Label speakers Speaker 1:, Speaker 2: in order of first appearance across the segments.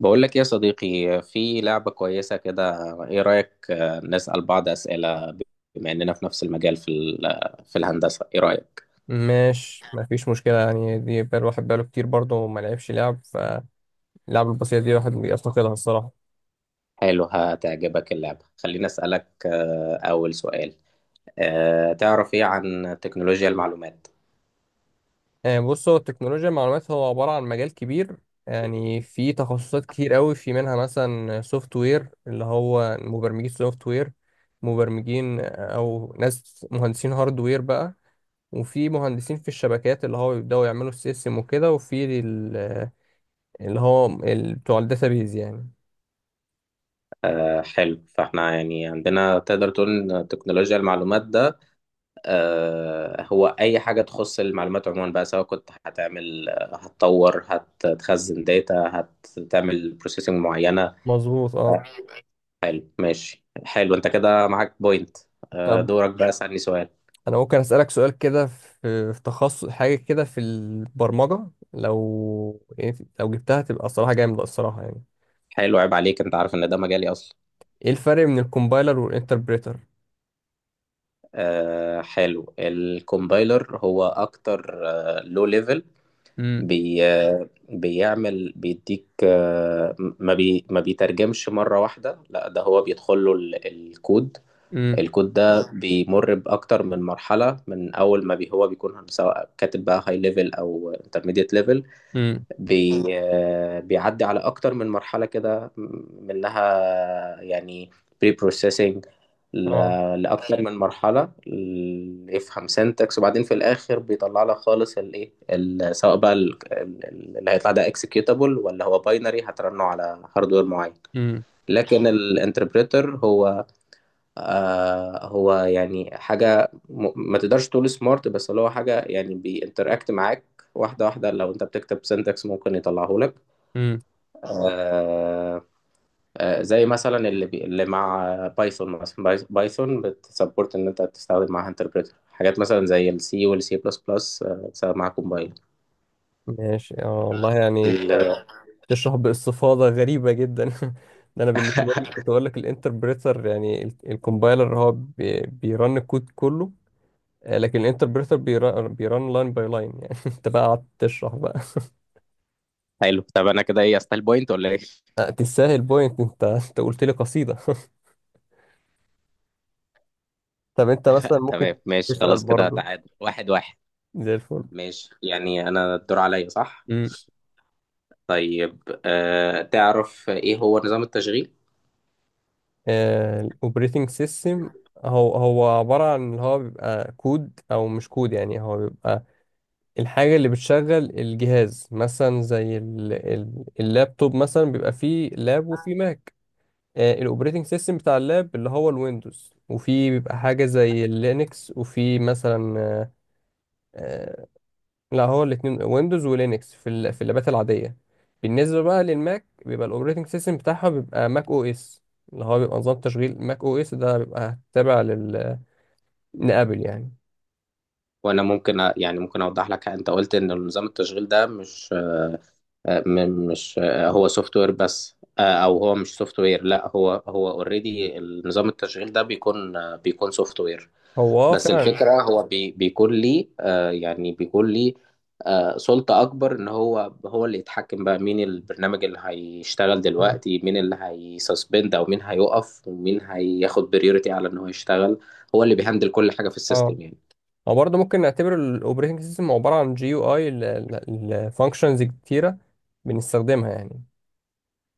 Speaker 1: بقول لك إيه يا صديقي، في لعبة كويسة كده. ايه رأيك نسأل بعض أسئلة؟ بما اننا في نفس المجال، في الهندسة. ايه رأيك؟
Speaker 2: ماشي، مفيش مشكلة. يعني دي بقى الواحد بقاله كتير برضه وما لعبش لعب، فاللعب البسيطة دي الواحد بيفتقدها الصراحة.
Speaker 1: حلو، هتعجبك اللعبة. خليني أسألك أول سؤال. تعرف ايه عن تكنولوجيا المعلومات؟
Speaker 2: بص، هو التكنولوجيا المعلومات هو عبارة عن مجال كبير. يعني في تخصصات كتير قوي، في منها مثلا سوفت وير اللي هو مبرمجين سوفت وير، مبرمجين. أو ناس مهندسين هاردوير بقى. وفي مهندسين في الشبكات اللي هو بيبدأوا يعملوا السيستم وكده، وفي اللي هو بتوع الداتابيز يعني.
Speaker 1: حلو، فاحنا يعني عندنا تقدر تقول ان تكنولوجيا المعلومات ده هو اي حاجة تخص المعلومات عموما بقى، سواء كنت هتعمل هتطور، هتخزن داتا، هتعمل بروسيسنج معينة.
Speaker 2: مظبوط، اه.
Speaker 1: حلو، ماشي، حلو. انت كده معاك بوينت.
Speaker 2: طب،
Speaker 1: دورك بقى، اسألني سؤال.
Speaker 2: انا ممكن اسالك سؤال كده في تخصص حاجه كده في البرمجه. لو يعني لو جبتها تبقى الصراحه جامده الصراحه يعني.
Speaker 1: حلو، عيب عليك، انت عارف ان ده مجالي اصلا.
Speaker 2: ايه الفرق بين الكومبايلر والانتربريتر؟
Speaker 1: حلو، الكومبايلر هو اكتر لو ليفل.
Speaker 2: امم
Speaker 1: بي آه، بيعمل، بيديك ما بيترجمش مرة واحدة، لا ده هو بيدخل له الكود.
Speaker 2: امم
Speaker 1: الكود ده بيمر بأكتر من مرحلة، من أول ما بي هو بيكون سواء كاتب بقى هاي ليفل أو انترميديت ليفل.
Speaker 2: امم
Speaker 1: بي بيعدي على اكتر من مرحله كده، منها يعني بري بروسيسنج
Speaker 2: اه.
Speaker 1: لاكتر من مرحله يفهم سنتكس، وبعدين في الاخر بيطلع لك خالص الايه، سواء بقى اللي هيطلع ده اكسكيوتابل ولا هو باينري هترنه على هاردوير معين.
Speaker 2: امم
Speaker 1: لكن الانتربريتر هو، آه هو يعني حاجه ما تقدرش تقول سمارت، بس اللي هو حاجه يعني بينتراكت معاك واحده واحده. لو انت بتكتب سنتكس ممكن يطلعه لك.
Speaker 2: امم
Speaker 1: اه آه، زي مثلا اللي مع بايثون مثلا. بايثون بتسبورت ان انت تستخدم معاها انتربريتر، حاجات مثلا زي السي والسي بلس بلس بتستخدم معاها كومبايل
Speaker 2: ماشي، اه والله يعني.
Speaker 1: ال-
Speaker 2: تشرح باستفاضه غريبه جدا. ده انا بالنسبه لي كنت اقول لك الانتربريتر، يعني الكومبايلر هو بيرن الكود كله. لكن الانتربريتر بيرن لاين باي لاين. يعني انت بقى قعدت تشرح بقى.
Speaker 1: حلو، طب انا كده ايه، استايل بوينت ولا ايه؟
Speaker 2: تستاهل بوينت. انت قلت لي قصيدة. طب انت مثلا ممكن
Speaker 1: تمام ماشي،
Speaker 2: تسأل
Speaker 1: خلاص كده
Speaker 2: برضو،
Speaker 1: تعادل واحد واحد.
Speaker 2: زي الفل.
Speaker 1: ماشي، يعني انا الدور عليا صح؟
Speaker 2: امم
Speaker 1: طيب أه، تعرف ايه هو نظام التشغيل؟
Speaker 2: الاوبريتنج سيستم، هو هو عبارة عن اللي هو بيبقى كود او مش كود، يعني هو بيبقى الحاجة اللي بتشغل الجهاز مثلا زي اللابتوب. مثلا بيبقى فيه لاب وفيه ماك. الاوبريتنج سيستم بتاع اللاب اللي هو الويندوز، وفي بيبقى حاجة زي اللينكس، وفي مثلا. آه، لا، هو الاثنين ويندوز ولينكس في في اللابات العاديه. بالنسبه بقى للماك، بيبقى الاوبريتنج سيستم بتاعها بيبقى ماك او اس، اللي هو بيبقى نظام تشغيل ماك او اس، ده بيبقى تابع لابل يعني.
Speaker 1: وانا ممكن يعني ممكن اوضح لك. انت قلت ان نظام التشغيل ده مش، مش هو سوفت وير بس، او هو مش سوفت وير. لا هو هو اوريدي نظام التشغيل ده بيكون بيكون سوفت وير.
Speaker 2: هو اه
Speaker 1: بس
Speaker 2: فعلا.
Speaker 1: الفكرة، هو بي بيكون لي يعني بيكون لي سلطة أكبر، إن هو هو اللي يتحكم بقى مين البرنامج اللي هيشتغل دلوقتي، مين اللي هيسسبند أو مين هيقف ومين هياخد بريورتي على إن هو يشتغل. هو اللي بيهندل كل حاجة في
Speaker 2: اه،
Speaker 1: السيستم يعني.
Speaker 2: هو برضه ممكن نعتبر الاوبريتنج سيستم عباره عن جي يو اي لفانكشنز كتيره بنستخدمها يعني.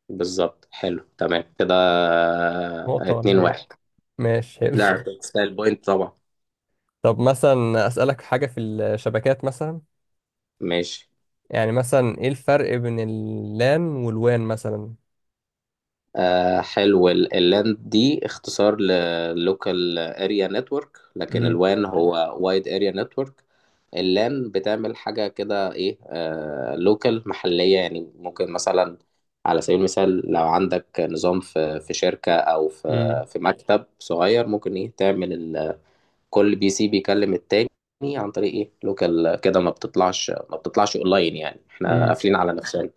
Speaker 1: بالظبط، حلو تمام كده.
Speaker 2: نقطه ولا
Speaker 1: اتنين
Speaker 2: ايه؟
Speaker 1: واحد.
Speaker 2: ماشي، حلو.
Speaker 1: لا، تستاهل بوينت طبعا.
Speaker 2: طب مثلا اسالك حاجه في الشبكات مثلا.
Speaker 1: ماشي.
Speaker 2: يعني مثلا، ايه الفرق بين اللان والوان مثلا؟
Speaker 1: آه حلو، اللاند دي اختصار للوكال اريا نتورك، لكن الوان هو وايد اريا نتورك. اللان بتعمل حاجة كده ايه، آه لوكال محلية يعني. ممكن مثلا على سبيل المثال، لو عندك نظام في شركة او
Speaker 2: امم
Speaker 1: في مكتب صغير، ممكن ايه تعمل كل بي سي بيكلم التاني عن طريق ايه لوكال كده، ما بتطلعش ما بتطلعش اونلاين، يعني احنا
Speaker 2: امم
Speaker 1: قافلين على نفسنا.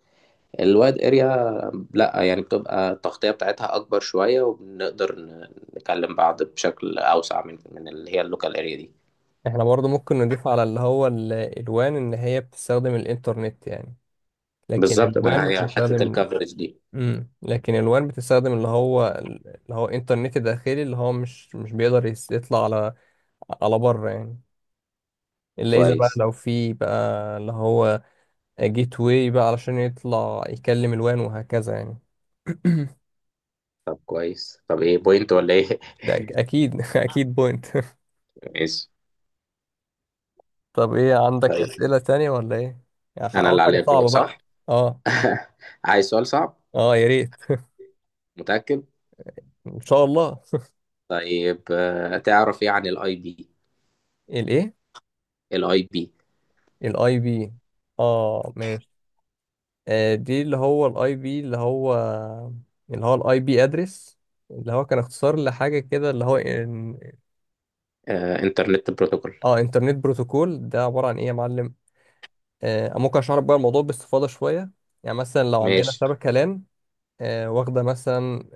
Speaker 1: الوايد اريا لا، يعني بتبقى التغطية بتاعتها أكبر شوية، وبنقدر نكلم بعض بشكل أوسع من اللي هي اللوكال اريا دي.
Speaker 2: احنا برضو ممكن نضيف على اللي هو الوان ان هي بتستخدم الانترنت يعني. لكن
Speaker 1: بالظبط، ما
Speaker 2: الوان
Speaker 1: هي حتة
Speaker 2: بتستخدم.
Speaker 1: الكفرج دي.
Speaker 2: لكن الوان بتستخدم اللي هو انترنت داخلي، اللي هو مش بيقدر يطلع على على بره يعني. الا اذا بقى،
Speaker 1: كويس.
Speaker 2: لو في بقى اللي هو جيت واي بقى، علشان يطلع يكلم الوان وهكذا يعني.
Speaker 1: طب كويس، طب ايه، بوينت ولا ايه؟
Speaker 2: ده اكيد. اكيد بوينت.
Speaker 1: ماشي.
Speaker 2: طب، ايه عندك
Speaker 1: طيب
Speaker 2: اسئلة تانية ولا ايه؟ يعني
Speaker 1: أنا
Speaker 2: عاوز
Speaker 1: اللي
Speaker 2: حاجة
Speaker 1: عليا الدور
Speaker 2: صعبة
Speaker 1: صح؟
Speaker 2: بقى. اه،
Speaker 1: عايز سؤال صعب؟
Speaker 2: اه، يا ريت.
Speaker 1: متأكد؟
Speaker 2: ان شاء الله.
Speaker 1: طيب تعرف ايه عن الاي بي؟
Speaker 2: الايه؟
Speaker 1: الاي بي؟
Speaker 2: الاي بي؟ اه، ماشي. آه، دي اللي هو الاي بي اللي هو اللي هو الاي بي ادرس، اللي هو كان اختصار لحاجه كده، اللي هو إن...
Speaker 1: انترنت بروتوكول.
Speaker 2: اه، انترنت بروتوكول. ده عباره عن ايه يا معلم؟ آه، ممكن اشرح لك بقى الموضوع باستفاضه شويه. يعني مثلا لو عندنا
Speaker 1: ماشي،
Speaker 2: شبكه لان، آه، واخده مثلا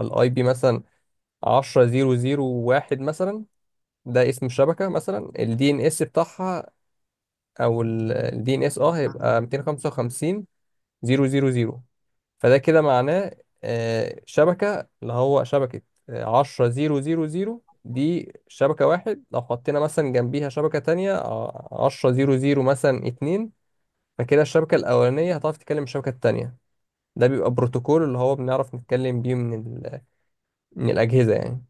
Speaker 2: الاي بي مثلا 10 0 0 1 مثلا. ده اسم الشبكه، مثلا الدي ان اس بتاعها، او الدي ان اس، اه، هيبقى 255 000. فده كده معناه شبكة اللي هو شبكة عشرة زيرو زيرو زيرو، دي شبكة واحد. لو حطينا مثلا جنبيها شبكة تانية، عشرة زيرو زيرو مثلا اتنين، فكده الشبكة الأولانية هتعرف تتكلم الشبكة التانية. ده بيبقى بروتوكول اللي هو بنعرف نتكلم بيه من ال... من الأجهزة يعني.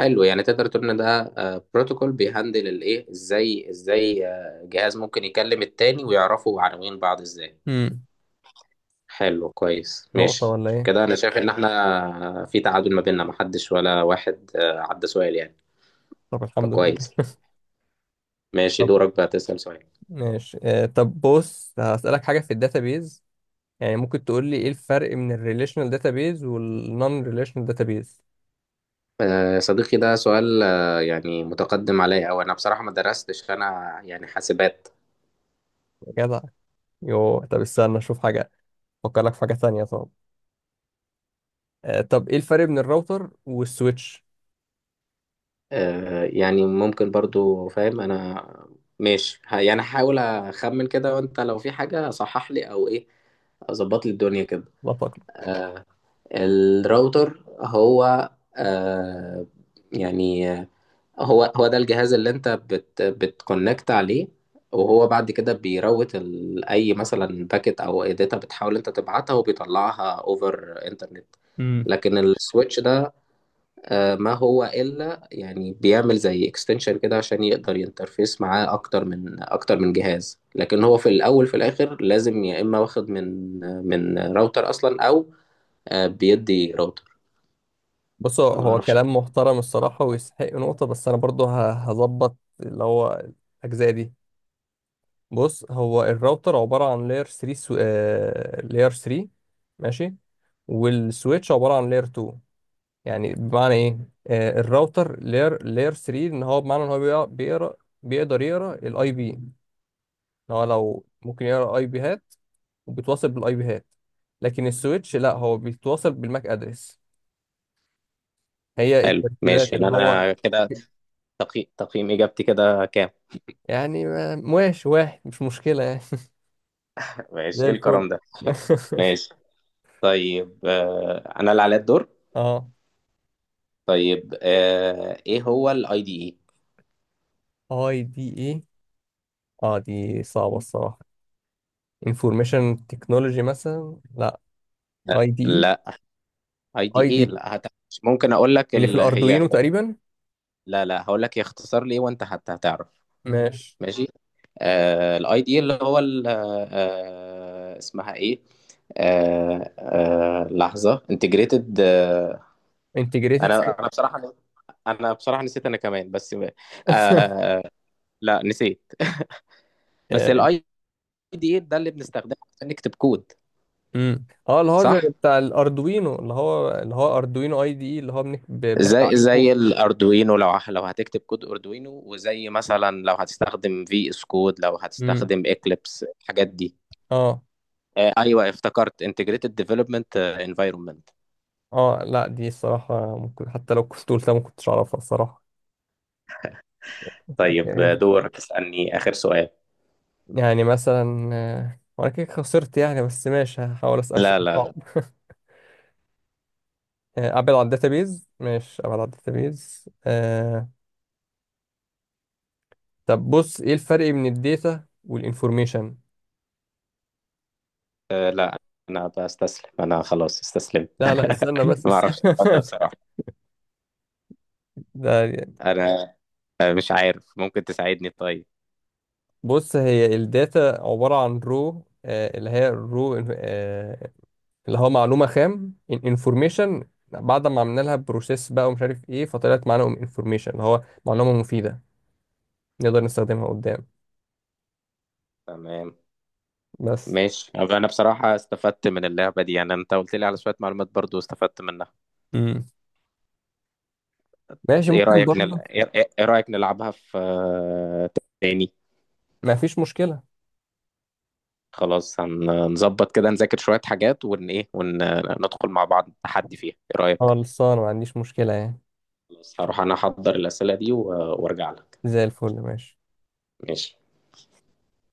Speaker 1: حلو، يعني تقدر تقول ان ده بروتوكول بيهندل الايه، ازاي ازاي جهاز ممكن يكلم التاني ويعرفوا عناوين بعض ازاي.
Speaker 2: امم
Speaker 1: حلو، كويس،
Speaker 2: نقطة
Speaker 1: ماشي.
Speaker 2: ولا إيه؟
Speaker 1: كده انا شايف ان احنا في تعادل ما بيننا، محدش ولا واحد عدى سؤال يعني.
Speaker 2: طب، الحمد لله.
Speaker 1: فكويس. ماشي،
Speaker 2: طب.
Speaker 1: دورك بقى تسأل سؤال.
Speaker 2: ماشي. طب بص، هسألك حاجة في الداتابيز. يعني ممكن تقول لي إيه الفرق من الريليشنال داتابيز والنون ريليشنال داتابيز؟
Speaker 1: صديقي ده سؤال يعني متقدم عليا، او انا بصراحة ما درستش، انا يعني حاسبات.
Speaker 2: جدع. يوه، طب استنى اشوف حاجة، افكر لك في حاجة تانية. طب، آه، طب ايه الفرق بين الراوتر والسويتش؟
Speaker 1: يعني ممكن برضو فاهم انا. ماشي، يعني هحاول اخمن كده، وانت لو في حاجة صحح لي او ايه، اظبط لي الدنيا كده.
Speaker 2: لا تقلق.
Speaker 1: الراوتر هو، آه يعني هو هو ده الجهاز اللي انت بتكونكت عليه، وهو بعد كده بيروت اي مثلا باكت او اي داتا بتحاول انت تبعتها، وبيطلعها اوفر انترنت.
Speaker 2: امم
Speaker 1: لكن السويتش ده، ما هو إلا يعني بيعمل زي اكستنشن كده عشان يقدر ينترفيس معاه أكتر من جهاز، لكن هو في الأول في الآخر لازم يا إما واخد من راوتر أصلا، أو بيدي راوتر.
Speaker 2: بص، هو
Speaker 1: ما
Speaker 2: هو
Speaker 1: أعرفش.
Speaker 2: كلام محترم الصراحة ويستحق نقطة، بس أنا برضو هظبط اللي هو الأجزاء دي. بص، هو الراوتر عبارة عن لاير 3 لاير 3. ماشي. والسويتش عبارة عن لاير 2. يعني بمعنى إيه؟ آه، الراوتر لاير 3، إن هو بمعنى إن هو بيقرأ بيقدر يقرأ الأي بي. إن هو لو ممكن يقرأ أي بيهات، وبتواصل بالاي بي هات. لكن السويتش لا، هو بيتواصل بالماك ادرس. هي
Speaker 1: حلو، ماشي.
Speaker 2: الترتيبات
Speaker 1: يعني
Speaker 2: اللي هو.
Speaker 1: أنا كده تقييم إجابتي كده كام؟
Speaker 2: يعني ماشي، واحد مش مشكلة يعني.
Speaker 1: ماشي.
Speaker 2: زي
Speaker 1: إيه
Speaker 2: الفل.
Speaker 1: الكرم ده؟ ماشي. طيب أنا اللي عليا الدور.
Speaker 2: اه.
Speaker 1: طيب إيه هو الأي دي إي؟
Speaker 2: اي دي اي. اه، دي صعبة الصراحة. انفورميشن تكنولوجي مثلا؟ لا. اي دي.
Speaker 1: لا، اي
Speaker 2: اي
Speaker 1: دي
Speaker 2: اي دي
Speaker 1: اي.
Speaker 2: إي.
Speaker 1: لا هت... ممكن اقول لك
Speaker 2: اللي في
Speaker 1: ال... هي.
Speaker 2: الاردوينو تقريبا.
Speaker 1: لا لا، هقول لك يختصر لي وانت حتى هتعرف.
Speaker 2: ماشي.
Speaker 1: ماشي. آه، الاي دي اللي هو اسمها ايه، لحظه، انتجريتد آه.
Speaker 2: انتجريتد.
Speaker 1: انا بصراحه، بصراحه نسيت انا كمان بس. آه، لا نسيت. بس
Speaker 2: اه.
Speaker 1: الاي دي ده اللي بنستخدمه عشان نكتب كود.
Speaker 2: أمم. آه، اللي هو زي
Speaker 1: صح،
Speaker 2: بتاع الاردوينو، اللي هو اردوينو اي دي اي اللي هو بنحكي
Speaker 1: زي
Speaker 2: عليه
Speaker 1: زي
Speaker 2: كود.
Speaker 1: الاردوينو. لو لو هتكتب كود اردوينو، وزي مثلا لو هتستخدم في اس كود، لو هتستخدم اكليبس الحاجات دي.
Speaker 2: اه.
Speaker 1: ايوه افتكرت integrated development environment.
Speaker 2: اه، لا، دي الصراحة ممكن حتى لو كنت قلتها ما كنتش اعرفها الصراحة.
Speaker 1: طيب دورك اسألني آخر سؤال.
Speaker 2: يعني مثلا، وانا كده خسرت يعني، بس ماشي هحاول اسأل
Speaker 1: لا
Speaker 2: سؤال
Speaker 1: لا
Speaker 2: صعب.
Speaker 1: لا.
Speaker 2: ابعد عن الداتابيز. ماشي، ابعد عن الداتابيز. طب بص، ايه الفرق بين الداتا والانفورميشن؟
Speaker 1: لا انا بستسلم، انا خلاص استسلمت
Speaker 2: لا، لا، استنى بس
Speaker 1: ما اعرفش
Speaker 2: استنى.
Speaker 1: السؤال ده بصراحة.
Speaker 2: ده
Speaker 1: انا مش عارف، ممكن تساعدني طيب؟
Speaker 2: بص، هي الداتا عبارة عن رو، آه، اللي هي الرو، اللي هو معلومة خام. انفورميشن بعد ما عملنا لها بروسيس بقى ومش عارف ايه، فطلعت معانا انفورميشن اللي هو معلومة مفيدة نقدر نستخدمها قدام.
Speaker 1: تمام.
Speaker 2: بس.
Speaker 1: ماشي، طب انا بصراحة استفدت من اللعبة دي، يعني انت قلت لي على شوية معلومات برضو استفدت منها.
Speaker 2: امم ماشي،
Speaker 1: ايه
Speaker 2: ممكن
Speaker 1: رأيك نل...
Speaker 2: برضه.
Speaker 1: ايه إيه رأيك نلعبها في تاني؟
Speaker 2: ما فيش مشكلة.
Speaker 1: خلاص، هنظبط كده، نذاكر شوية حاجات ون ايه، وندخل مع بعض تحدي فيها، ايه رأيك؟
Speaker 2: خلصانة، ما عنديش مشكلة يعني.
Speaker 1: خلاص، هروح انا احضر الأسئلة دي وارجع لك.
Speaker 2: زي الفل، ماشي.
Speaker 1: ماشي.